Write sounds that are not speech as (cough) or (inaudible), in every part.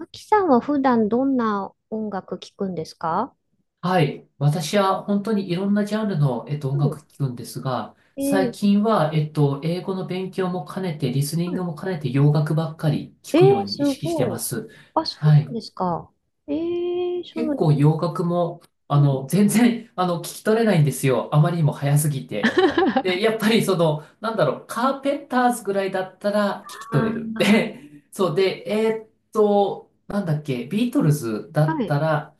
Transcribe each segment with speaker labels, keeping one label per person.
Speaker 1: あきさんは普段どんな音楽聴くんですか？
Speaker 2: はい。私は本当にいろんなジャンルの、
Speaker 1: う
Speaker 2: 音
Speaker 1: ん。
Speaker 2: 楽聴くんですが、
Speaker 1: え
Speaker 2: 最
Speaker 1: ー、
Speaker 2: 近は、英語の勉強も兼ねて、リスニン
Speaker 1: は
Speaker 2: グ
Speaker 1: い。
Speaker 2: も兼ねて洋楽ばっかり聴くように意
Speaker 1: す
Speaker 2: 識して
Speaker 1: ご
Speaker 2: ま
Speaker 1: い。
Speaker 2: す。
Speaker 1: あ、そう
Speaker 2: は
Speaker 1: な
Speaker 2: い。
Speaker 1: んですか。えー、そ
Speaker 2: 結
Speaker 1: の、
Speaker 2: 構洋楽も、あ
Speaker 1: うん、
Speaker 2: の、全然、あの、聞き取れないんですよ。あまりにも早すぎて。で、やっぱりその、なんだろう、カーペンターズぐらいだったら聞き取れる。
Speaker 1: あ
Speaker 2: で、そうで、なんだっけ、ビートルズだ
Speaker 1: あ、は
Speaker 2: っ
Speaker 1: い。
Speaker 2: たら、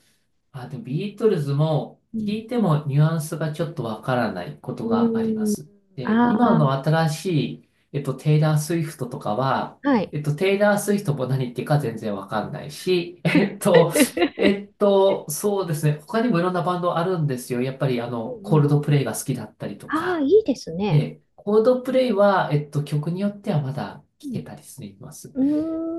Speaker 2: あ、でもビートルズも
Speaker 1: う
Speaker 2: 聞
Speaker 1: ん。
Speaker 2: いてもニュアンスがちょっとわからないこと
Speaker 1: う
Speaker 2: がありま
Speaker 1: ーん、
Speaker 2: す。で、今
Speaker 1: あ
Speaker 2: の新しい、テイラー・スウィフトとかは、
Speaker 1: あ、はい。
Speaker 2: テイラー・スウィフトも何言ってるか全然わかんないし、(laughs)
Speaker 1: (laughs)
Speaker 2: そうですね、他にもいろんなバンドあるんですよ。やっぱりあ
Speaker 1: うん
Speaker 2: の、コ
Speaker 1: う
Speaker 2: ール
Speaker 1: ん。
Speaker 2: ドプレイが好きだったり
Speaker 1: (laughs)
Speaker 2: と
Speaker 1: ああ、
Speaker 2: か。
Speaker 1: いいですね。
Speaker 2: で、コールドプレイは、曲によってはまだ
Speaker 1: う
Speaker 2: 聞け
Speaker 1: ん。
Speaker 2: たりしています。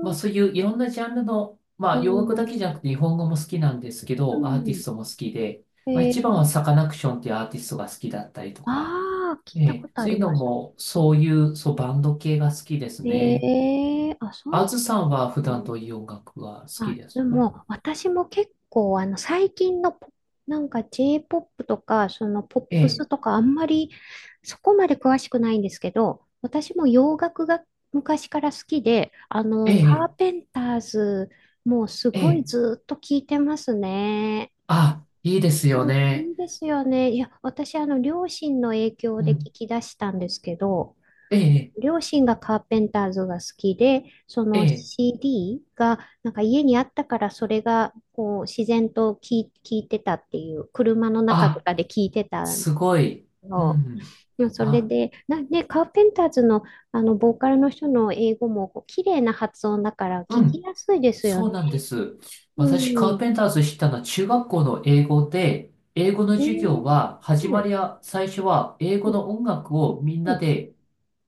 Speaker 2: まあ
Speaker 1: ーん。
Speaker 2: そういういろんなジャンルの、
Speaker 1: う
Speaker 2: まあ洋楽だ
Speaker 1: ん。
Speaker 2: けじゃなくて日本語も好きなんですけ
Speaker 1: う
Speaker 2: ど、アーティ
Speaker 1: ん。
Speaker 2: ストも好きで、
Speaker 1: え
Speaker 2: まあ一番は
Speaker 1: ー、
Speaker 2: サカナクションっていうアーティストが好きだったりとか、
Speaker 1: ああ、聞い
Speaker 2: え
Speaker 1: たこ
Speaker 2: え、
Speaker 1: とあ
Speaker 2: そう
Speaker 1: り
Speaker 2: いうの
Speaker 1: ます。
Speaker 2: もそういう、そうバンド系が好きですね。
Speaker 1: あ、そ
Speaker 2: あ
Speaker 1: う、
Speaker 2: ずさんは普段ど
Speaker 1: ね。
Speaker 2: ういう音楽が好き
Speaker 1: あ、
Speaker 2: で
Speaker 1: で
Speaker 2: すか？
Speaker 1: も、私も結構、最近のポ、なんか J-POP とか、そのポッ
Speaker 2: え
Speaker 1: プス
Speaker 2: え、
Speaker 1: とか、あんまりそこまで詳しくないんですけど、私も洋楽が昔から好きで、
Speaker 2: え
Speaker 1: カー
Speaker 2: え、
Speaker 1: ペンターズ、もうす
Speaker 2: え
Speaker 1: ごい
Speaker 2: え、
Speaker 1: ずっと聞いてますね。
Speaker 2: あ、いいですよ
Speaker 1: うん。いい
Speaker 2: ね。
Speaker 1: んですよね。いや、私、両親の影響
Speaker 2: う
Speaker 1: で
Speaker 2: ん、
Speaker 1: 聞き出したんですけど、
Speaker 2: ええ、
Speaker 1: 両親がカーペンターズが好きで、そ
Speaker 2: え
Speaker 1: の
Speaker 2: え、
Speaker 1: CD がなんか家にあったからそれがこう自然と聞いてたっていう、車の中と
Speaker 2: あ、
Speaker 1: かで聞いてた
Speaker 2: すごい。う
Speaker 1: の。
Speaker 2: ん、
Speaker 1: でもそれ
Speaker 2: あ、
Speaker 1: で、ね、カーペンターズの、あのボーカルの人の英語もこう綺麗な発音だから
Speaker 2: う
Speaker 1: 聞き
Speaker 2: ん。
Speaker 1: やすいですよ
Speaker 2: そ
Speaker 1: ね。
Speaker 2: うなんです。
Speaker 1: う
Speaker 2: 私、カー
Speaker 1: ん。
Speaker 2: ペンターズ知ったのは中学校の英語で、英語の
Speaker 1: え
Speaker 2: 授業
Speaker 1: ー、
Speaker 2: は、始
Speaker 1: は
Speaker 2: ま
Speaker 1: い。
Speaker 2: りは、最初は英
Speaker 1: う
Speaker 2: 語
Speaker 1: ん。
Speaker 2: の音楽をみん
Speaker 1: う
Speaker 2: な
Speaker 1: ん。
Speaker 2: で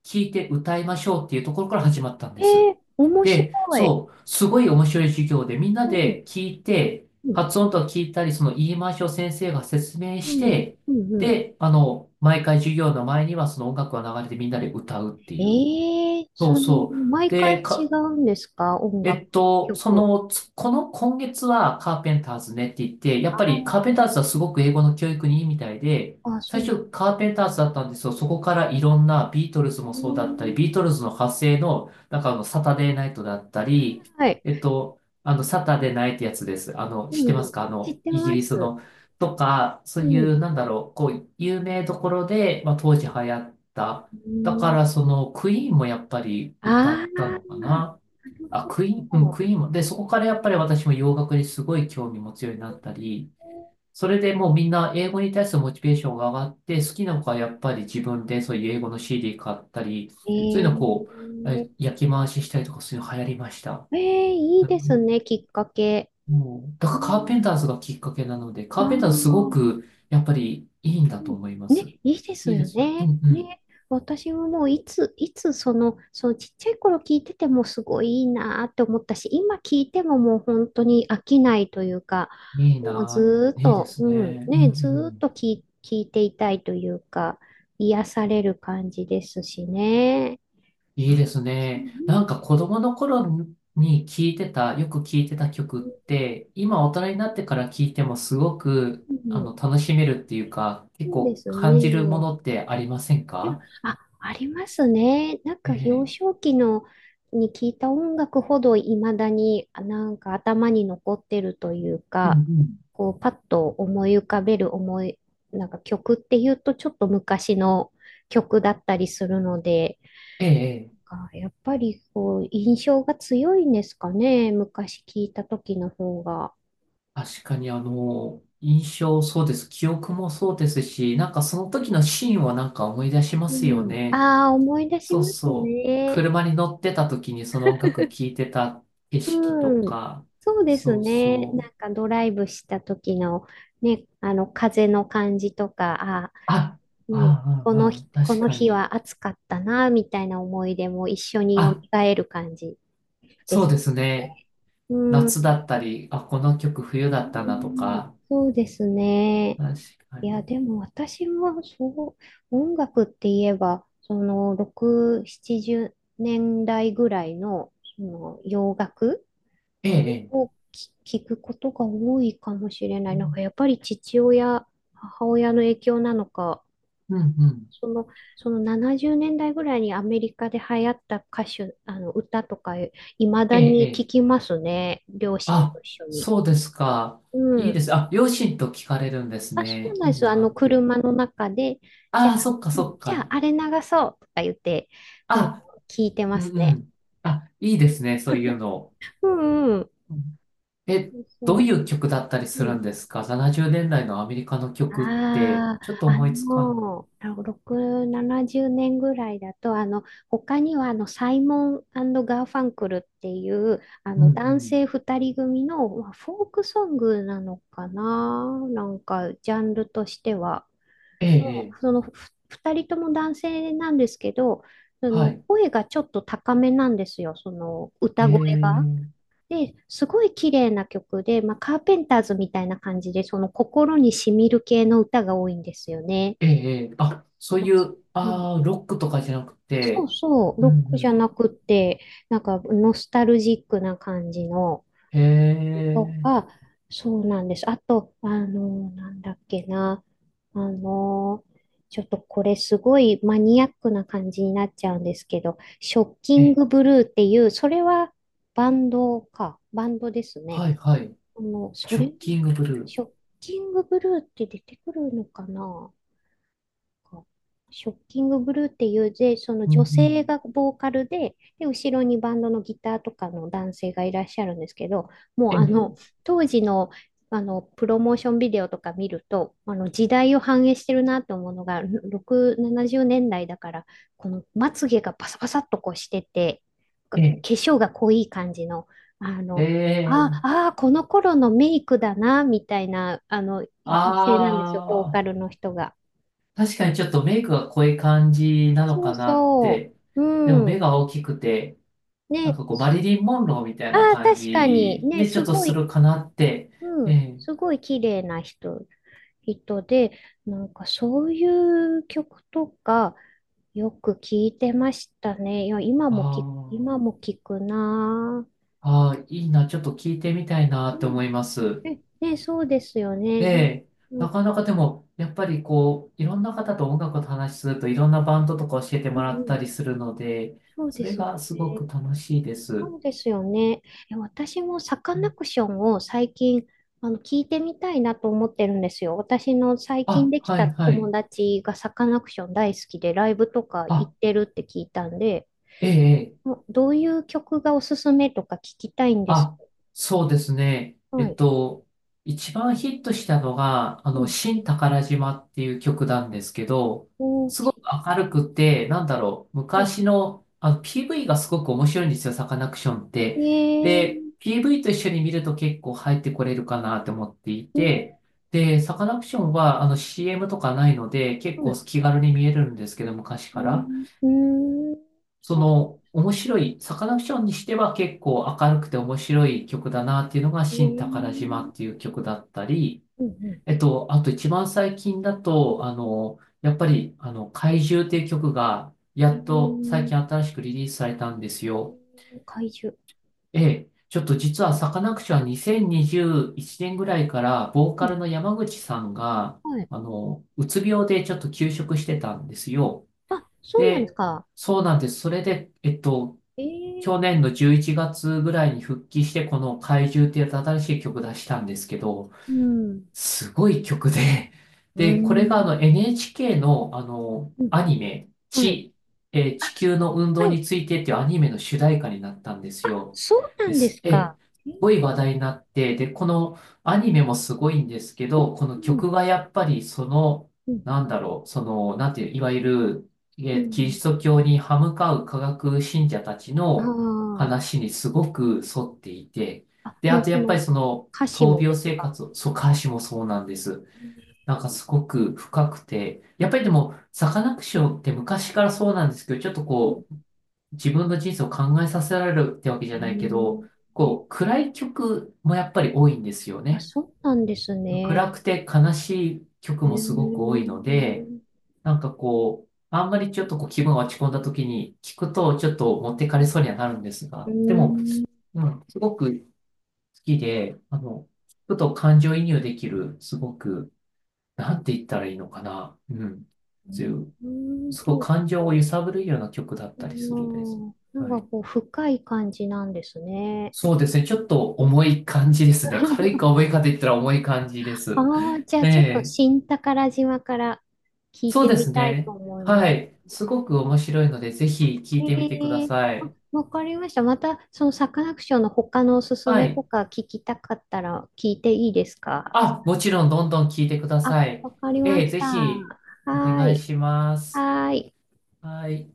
Speaker 2: 聴いて歌いましょうっていうところから始まったんです。
Speaker 1: 面白
Speaker 2: で、
Speaker 1: い。
Speaker 2: そう、すごい面白い授業で、みんな
Speaker 1: うん。
Speaker 2: で聞いて、
Speaker 1: うん。
Speaker 2: 発音とか聞いたり、その言い回しを先生が説明
Speaker 1: う
Speaker 2: し
Speaker 1: ん。
Speaker 2: て、
Speaker 1: うん。うん。
Speaker 2: で、あの、毎回授業の前にはその音楽が流れてみんなで歌うっていう。
Speaker 1: ええ、
Speaker 2: そうそう。
Speaker 1: 毎
Speaker 2: で、
Speaker 1: 回違
Speaker 2: か
Speaker 1: うんですか、音楽、
Speaker 2: そ
Speaker 1: 曲？
Speaker 2: の、つこの今月はカーペンターズねって言って、やっ
Speaker 1: あ
Speaker 2: ぱりカー
Speaker 1: あ、
Speaker 2: ペンターズはすごく英語の教育にいいみたいで、
Speaker 1: あ、そ
Speaker 2: 最
Speaker 1: う。
Speaker 2: 初カーペンターズだったんですよ。そこからいろんなビートルズも
Speaker 1: うー
Speaker 2: そうだったり、ビ
Speaker 1: ん、
Speaker 2: ートルズの派生の、なんかあの、サタデーナイトだったり、
Speaker 1: はい。
Speaker 2: あの、サタデーナイってやつです。あの、
Speaker 1: う
Speaker 2: 知ってます
Speaker 1: ん、
Speaker 2: か？あ
Speaker 1: 知っ
Speaker 2: の、
Speaker 1: て
Speaker 2: イギ
Speaker 1: ま
Speaker 2: リス
Speaker 1: す。
Speaker 2: の。とか、そ
Speaker 1: う
Speaker 2: うい
Speaker 1: ん。う
Speaker 2: う、なんだろう、こう、有名どころで、まあ、当時流行った。
Speaker 1: ー
Speaker 2: だか
Speaker 1: ん、
Speaker 2: ら、その、クイーンもやっぱり歌
Speaker 1: ああ、
Speaker 2: った
Speaker 1: な
Speaker 2: のかな。
Speaker 1: る
Speaker 2: あ、クイーン、
Speaker 1: ほ
Speaker 2: うん、
Speaker 1: ど。
Speaker 2: クイーンも。で、そこからやっぱり私も洋楽にすごい興味持つようになったり、それでもうみんな英語に対するモチベーションが上がって、好きな子はやっぱり自分でそういう英語の CD 買ったり、
Speaker 1: え
Speaker 2: そういうのをこう、え
Speaker 1: え、
Speaker 2: 焼き回ししたりとかそういうの流行りました。
Speaker 1: ええ、いい
Speaker 2: う
Speaker 1: ですね、
Speaker 2: ん、
Speaker 1: きっかけ。
Speaker 2: もう、だか
Speaker 1: う
Speaker 2: らカーペン
Speaker 1: ん、
Speaker 2: ターズがきっかけなので、
Speaker 1: あ
Speaker 2: カーペンターズすご
Speaker 1: あ。
Speaker 2: くやっぱりいいんだ
Speaker 1: う
Speaker 2: と
Speaker 1: ん。
Speaker 2: 思いま
Speaker 1: ね、
Speaker 2: す。
Speaker 1: いいです
Speaker 2: いいで
Speaker 1: よ
Speaker 2: すよ。うん
Speaker 1: ね。
Speaker 2: うん。
Speaker 1: ね、私ももういつその、ちっちゃい頃聞いててもすごいいいなって思ったし、今聞いてももう本当に飽きないというか、
Speaker 2: いい
Speaker 1: もう
Speaker 2: な、
Speaker 1: ずーっ
Speaker 2: いいで
Speaker 1: と、
Speaker 2: す
Speaker 1: うん、
Speaker 2: ね。うんう
Speaker 1: ね、ずーっ
Speaker 2: ん。
Speaker 1: と聞いていたいというか、癒される感じですしね。
Speaker 2: いいですね。なん
Speaker 1: う
Speaker 2: か子供の頃に聞いてた、よく聞いてた曲っ
Speaker 1: ん、
Speaker 2: て、今大人になってから聞いてもすごく、
Speaker 1: う
Speaker 2: あ
Speaker 1: ん、
Speaker 2: の、楽しめるっていうか、結
Speaker 1: そうで
Speaker 2: 構
Speaker 1: す
Speaker 2: 感じるも
Speaker 1: ね。
Speaker 2: のってありません
Speaker 1: うん。
Speaker 2: か？
Speaker 1: あ、ありますね。なん
Speaker 2: え
Speaker 1: か幼
Speaker 2: え。
Speaker 1: 少期のに聞いた音楽ほどいまだにあなんか頭に残ってるという
Speaker 2: うん
Speaker 1: か、
Speaker 2: うん。
Speaker 1: こうパッと思い浮かべるなんか曲っていうとちょっと昔の曲だったりするので、
Speaker 2: ええ、ええ
Speaker 1: なんかやっぱりこう印象が強いんですかね。昔聞いた時の方が。
Speaker 2: 確かにあの、印象そうです。記憶もそうですし、なんかその時のシーンはなんか思い出しま
Speaker 1: う
Speaker 2: すよ
Speaker 1: ん。
Speaker 2: ね。
Speaker 1: ああ、思い出し
Speaker 2: そう
Speaker 1: ます
Speaker 2: そう。
Speaker 1: ね。
Speaker 2: 車に乗ってた時にその音楽聴いてた景色と
Speaker 1: うん。
Speaker 2: か、
Speaker 1: そうです
Speaker 2: そう
Speaker 1: ね。
Speaker 2: そ
Speaker 1: な
Speaker 2: う。
Speaker 1: んかドライブした時のね、あの風の感じとか、あ、
Speaker 2: あ、
Speaker 1: ね、
Speaker 2: ああ、
Speaker 1: この日、
Speaker 2: ああ、
Speaker 1: こ
Speaker 2: 確
Speaker 1: の
Speaker 2: か
Speaker 1: 日
Speaker 2: に。
Speaker 1: は暑かったな、みたいな思い出も一緒に蘇
Speaker 2: あ、
Speaker 1: る感じで
Speaker 2: そ
Speaker 1: す
Speaker 2: うですね。
Speaker 1: ね。う
Speaker 2: 夏
Speaker 1: ん。
Speaker 2: だったり、あ、この曲冬だ
Speaker 1: う
Speaker 2: ったなと
Speaker 1: ん、
Speaker 2: か。
Speaker 1: そうですね。
Speaker 2: 確か
Speaker 1: いや、
Speaker 2: に。
Speaker 1: でも私はそう、音楽って言えば、その6、70年代ぐらいの、その洋楽
Speaker 2: ええ、え
Speaker 1: を
Speaker 2: え。
Speaker 1: 聞くことが多いかもしれない。なんかやっぱり父親、母親の影響なのか、
Speaker 2: うん、うん。
Speaker 1: その、その70年代ぐらいにアメリカで流行った歌手、あの歌とか、いま
Speaker 2: え
Speaker 1: だ
Speaker 2: え、え
Speaker 1: に聞き
Speaker 2: え。
Speaker 1: ますね。両親と
Speaker 2: あ、
Speaker 1: 一緒に。
Speaker 2: そうですか。
Speaker 1: う
Speaker 2: いいで
Speaker 1: ん。
Speaker 2: す。あ、両親と聞かれるんです
Speaker 1: あ、そ
Speaker 2: ね。
Speaker 1: うなんで
Speaker 2: いい
Speaker 1: す。
Speaker 2: なって。
Speaker 1: 車の中で、じゃあ、
Speaker 2: ああ、そっか、
Speaker 1: う
Speaker 2: そ
Speaker 1: ん。
Speaker 2: っ
Speaker 1: じゃあ、
Speaker 2: か。
Speaker 1: あれ流そうとか言って、うん。
Speaker 2: あ、
Speaker 1: 聞いて
Speaker 2: う
Speaker 1: ま
Speaker 2: ん、
Speaker 1: す
Speaker 2: う
Speaker 1: ね。
Speaker 2: ん。あ、いいですね。そういうの。
Speaker 1: うんうん。
Speaker 2: うんえ、
Speaker 1: そう
Speaker 2: どう
Speaker 1: そ
Speaker 2: いう曲だったり
Speaker 1: う。
Speaker 2: す
Speaker 1: う
Speaker 2: るん
Speaker 1: ん。
Speaker 2: ですか？ 70 年代のアメリカの曲って、
Speaker 1: あ
Speaker 2: ちょっと
Speaker 1: あ、
Speaker 2: 思いつかない。
Speaker 1: 6、70年ぐらいだと、他には、サイモンガーファンクルっていう、
Speaker 2: うんう
Speaker 1: 男
Speaker 2: ん。
Speaker 1: 性2人組の、まあフォークソングなのかな、なんか、ジャンルとしては。
Speaker 2: ええ、
Speaker 1: も
Speaker 2: え
Speaker 1: う、
Speaker 2: え
Speaker 1: 2人とも男性なんですけど、そ
Speaker 2: は
Speaker 1: の、
Speaker 2: い。
Speaker 1: 声がちょっと高めなんですよ、その、
Speaker 2: え
Speaker 1: 歌声が。
Speaker 2: え、
Speaker 1: で、すごい綺麗な曲で、まあ、カーペンターズみたいな感じで、その心に染みる系の歌が多いんですよね。
Speaker 2: ええ、ええあ、そういう、
Speaker 1: うん、
Speaker 2: ああ、ロックとかじゃなく
Speaker 1: そう
Speaker 2: て、
Speaker 1: そう、
Speaker 2: う
Speaker 1: ロ
Speaker 2: ん
Speaker 1: ック
Speaker 2: う
Speaker 1: じゃな
Speaker 2: ん。
Speaker 1: くって、なんかノスタルジックな感じの
Speaker 2: え
Speaker 1: と
Speaker 2: え、
Speaker 1: か、そうなんです。あと、なんだっけな、あの、ちょっとこれすごいマニアックな感じになっちゃうんですけど、ショッキ
Speaker 2: え
Speaker 1: ン
Speaker 2: え、
Speaker 1: グブルーっていう、それはバンドか、バンドですね。
Speaker 2: はい、はい。
Speaker 1: そ
Speaker 2: ショッ
Speaker 1: れ、
Speaker 2: キングブル
Speaker 1: シ
Speaker 2: ー。
Speaker 1: ョッキングブルーって出てくるのかな、かショッキングブルーっていう、で、その
Speaker 2: うん
Speaker 1: 女
Speaker 2: う
Speaker 1: 性
Speaker 2: ん。
Speaker 1: がボーカルで、で、後ろにバンドのギターとかの男性がいらっしゃるんですけど、も
Speaker 2: え
Speaker 1: う
Speaker 2: え、
Speaker 1: 当時の、プロモーションビデオとか見ると、時代を反映してるなと思うのが、6、70年代だから、このまつげがパサパサっとこうしてて、化
Speaker 2: え
Speaker 1: 粧が濃い感じの、あ
Speaker 2: え、え
Speaker 1: の、あ
Speaker 2: え、
Speaker 1: あ、この頃のメイクだな、みたいな、
Speaker 2: あ
Speaker 1: 女性なんですよ、ボーカルの人が。
Speaker 2: あ、確かにちょっとメイクが濃い感じなの
Speaker 1: そう
Speaker 2: かなっ
Speaker 1: そ
Speaker 2: て。
Speaker 1: う。
Speaker 2: でも
Speaker 1: う
Speaker 2: 目
Speaker 1: ん。
Speaker 2: が大きくて、なん
Speaker 1: ね。
Speaker 2: かこう、マリリン・モンローみたい
Speaker 1: あ
Speaker 2: な
Speaker 1: あ、
Speaker 2: 感
Speaker 1: 確かに。
Speaker 2: じ
Speaker 1: ね、
Speaker 2: で、ちょ
Speaker 1: す
Speaker 2: っと
Speaker 1: ご
Speaker 2: す
Speaker 1: い、
Speaker 2: るかなって。
Speaker 1: う
Speaker 2: え
Speaker 1: ん。
Speaker 2: え、
Speaker 1: すごい綺麗な人で、なんかそういう曲とかよく聞いてましたね。いや、
Speaker 2: あ
Speaker 1: 今
Speaker 2: あ。
Speaker 1: も聞くな
Speaker 2: ああ、いいな、ちょっと聞いてみたいな
Speaker 1: ぁ。う
Speaker 2: って
Speaker 1: ん。
Speaker 2: 思います。
Speaker 1: ね、そうですよね。
Speaker 2: ええ、
Speaker 1: なん
Speaker 2: なかな
Speaker 1: か、
Speaker 2: かでも、やっぱりこう、いろんな方と音楽を話しすると、いろんなバンドとか教えて
Speaker 1: うん
Speaker 2: もらっ
Speaker 1: う
Speaker 2: た
Speaker 1: ん。
Speaker 2: りするので、
Speaker 1: そうで
Speaker 2: それ
Speaker 1: すね。
Speaker 2: がすごく楽しいで
Speaker 1: そ
Speaker 2: す。
Speaker 1: うですよね。私もサカ
Speaker 2: う
Speaker 1: ナ
Speaker 2: ん
Speaker 1: クションを最近聞いてみたいなと思ってるんですよ。私の最近
Speaker 2: あ、
Speaker 1: でき
Speaker 2: は
Speaker 1: た
Speaker 2: いは
Speaker 1: 友
Speaker 2: い。
Speaker 1: 達がサカナクション大好きでライブとか行っ
Speaker 2: あ、
Speaker 1: てるって聞いたんで、
Speaker 2: ええ、ええ
Speaker 1: もうどういう曲がおすすめとか聞きたいんです。
Speaker 2: あ、そうですね。
Speaker 1: はい。
Speaker 2: 一番ヒットしたのが、あ
Speaker 1: う
Speaker 2: の、
Speaker 1: ん。
Speaker 2: 新宝島っていう曲なんですけど、
Speaker 1: おーし。
Speaker 2: 明るくて、なんだろう、
Speaker 1: うん。
Speaker 2: 昔の、あの、PV がすごく面白いんですよ、サカナクションっ
Speaker 1: え
Speaker 2: て。
Speaker 1: ー、
Speaker 2: で、PV と一緒に見ると結構入ってこれるかなと思ってい
Speaker 1: うん、
Speaker 2: て、で、サカナクションは、あの、CM とかないので、結
Speaker 1: う
Speaker 2: 構
Speaker 1: ん、
Speaker 2: 気軽に見えるんですけど、昔
Speaker 1: う
Speaker 2: から。
Speaker 1: ん、うん、
Speaker 2: そ
Speaker 1: そう。
Speaker 2: の、面白い、サカナクションにしては結構明るくて面白い曲だなっていうのが、
Speaker 1: え
Speaker 2: 新宝
Speaker 1: ー、
Speaker 2: 島っていう曲だったり、
Speaker 1: うん、うん、
Speaker 2: あと一番最近だと、あの、やっぱり、あの、怪獣っていう曲が、や
Speaker 1: え
Speaker 2: っと最
Speaker 1: ー、
Speaker 2: 近新しくリリースされたんですよ。
Speaker 1: え怪獣。
Speaker 2: ええ、ちょっと実はサカナクションは2021年ぐらいから、ボー
Speaker 1: う
Speaker 2: カ
Speaker 1: ん。
Speaker 2: ルの山口さんが、
Speaker 1: はい。
Speaker 2: あの、うつ病でちょっと休職してたんですよ。
Speaker 1: あ、そうなんです
Speaker 2: で、
Speaker 1: か。
Speaker 2: そうなんです。それで、
Speaker 1: ええ。
Speaker 2: 去年の11月ぐらいに復帰して、この怪獣っていう新しい曲出したんですけど、
Speaker 1: うん。
Speaker 2: すごい曲で、(laughs)
Speaker 1: う
Speaker 2: で、これがあ
Speaker 1: ん。
Speaker 2: の NHK のあの
Speaker 1: うん。
Speaker 2: アニメ、
Speaker 1: はい。
Speaker 2: 地、えー
Speaker 1: あ、
Speaker 2: 地球の運動
Speaker 1: はい。
Speaker 2: についてっていうアニメの主題歌になったんですよ。
Speaker 1: そうな
Speaker 2: で
Speaker 1: んで
Speaker 2: す。
Speaker 1: す
Speaker 2: えー、
Speaker 1: か。
Speaker 2: す
Speaker 1: ええ。
Speaker 2: ごい話題になって、で、このアニメもすごいんですけど、こ
Speaker 1: う
Speaker 2: の
Speaker 1: ん。
Speaker 2: 曲がやっぱりその、
Speaker 1: うん。
Speaker 2: なんだろう、その、なんていう、いわゆる、え
Speaker 1: う
Speaker 2: ーキリ
Speaker 1: ん。
Speaker 2: スト教に歯向かう科学信者たちの
Speaker 1: あ
Speaker 2: 話にすごく沿っていて、
Speaker 1: あ。あ、
Speaker 2: で、
Speaker 1: も
Speaker 2: あ
Speaker 1: う
Speaker 2: と
Speaker 1: そ
Speaker 2: やっぱり
Speaker 1: の
Speaker 2: その、
Speaker 1: 歌詞
Speaker 2: 闘
Speaker 1: も
Speaker 2: 病
Speaker 1: です
Speaker 2: 生
Speaker 1: か？
Speaker 2: 活を、そう、歌詞もそうなんです。
Speaker 1: ええ。
Speaker 2: なんかすごく深くて、やっぱりでも、サカナクションって昔からそうなんですけど、ちょっと
Speaker 1: うん。
Speaker 2: こう、自分の人生を考えさせられるってわけじゃないけど、
Speaker 1: え
Speaker 2: こう、
Speaker 1: え。
Speaker 2: 暗い曲もやっぱり多いんですよ
Speaker 1: あ、
Speaker 2: ね。
Speaker 1: そうなんです
Speaker 2: 暗
Speaker 1: ね。
Speaker 2: くて悲しい曲
Speaker 1: え
Speaker 2: も
Speaker 1: え。う
Speaker 2: すごく多いので、
Speaker 1: ん、
Speaker 2: なんかこう、あんまりちょっとこう気分が落ち込んだ時に聞くとちょっと持ってかれそうにはなるんです
Speaker 1: う
Speaker 2: が、でも、
Speaker 1: ん。
Speaker 2: うん、すごくきで、あの、ちょっと感情移入できる、すごく、なんて言ったらいいのかな。うん。そういう、
Speaker 1: うん、
Speaker 2: す
Speaker 1: な
Speaker 2: ご
Speaker 1: ん
Speaker 2: く
Speaker 1: か
Speaker 2: 感情を揺
Speaker 1: こ
Speaker 2: さぶるような曲だっ
Speaker 1: う、
Speaker 2: たりするです。
Speaker 1: うん、なん
Speaker 2: は
Speaker 1: か
Speaker 2: い。
Speaker 1: こう、深い感じなんですね。
Speaker 2: そうですね。ちょっと重い感じですね。軽い
Speaker 1: (laughs)
Speaker 2: か重いかで言ったら重い感じで
Speaker 1: あ
Speaker 2: す。
Speaker 1: あ、じゃあ
Speaker 2: え
Speaker 1: ちょっと
Speaker 2: え。
Speaker 1: 新宝島から聞い
Speaker 2: そう
Speaker 1: て
Speaker 2: で
Speaker 1: み
Speaker 2: す
Speaker 1: たいと
Speaker 2: ね。
Speaker 1: 思いま
Speaker 2: は
Speaker 1: す。
Speaker 2: い。すごく面白いので、ぜひ聴
Speaker 1: え
Speaker 2: いてみてくだ
Speaker 1: え。
Speaker 2: さ
Speaker 1: あ、
Speaker 2: い。
Speaker 1: わかりました。また、そのサカナクションの他のおすす
Speaker 2: は
Speaker 1: めと
Speaker 2: い。
Speaker 1: か聞きたかったら聞いていいですか？
Speaker 2: あ、もちろん、どんどん聴いてくだ
Speaker 1: あ、
Speaker 2: さい。
Speaker 1: わかりま
Speaker 2: ええ、
Speaker 1: し
Speaker 2: ぜ
Speaker 1: た。
Speaker 2: ひ、お
Speaker 1: はー
Speaker 2: 願い
Speaker 1: い。
Speaker 2: します。
Speaker 1: はーい。
Speaker 2: はい。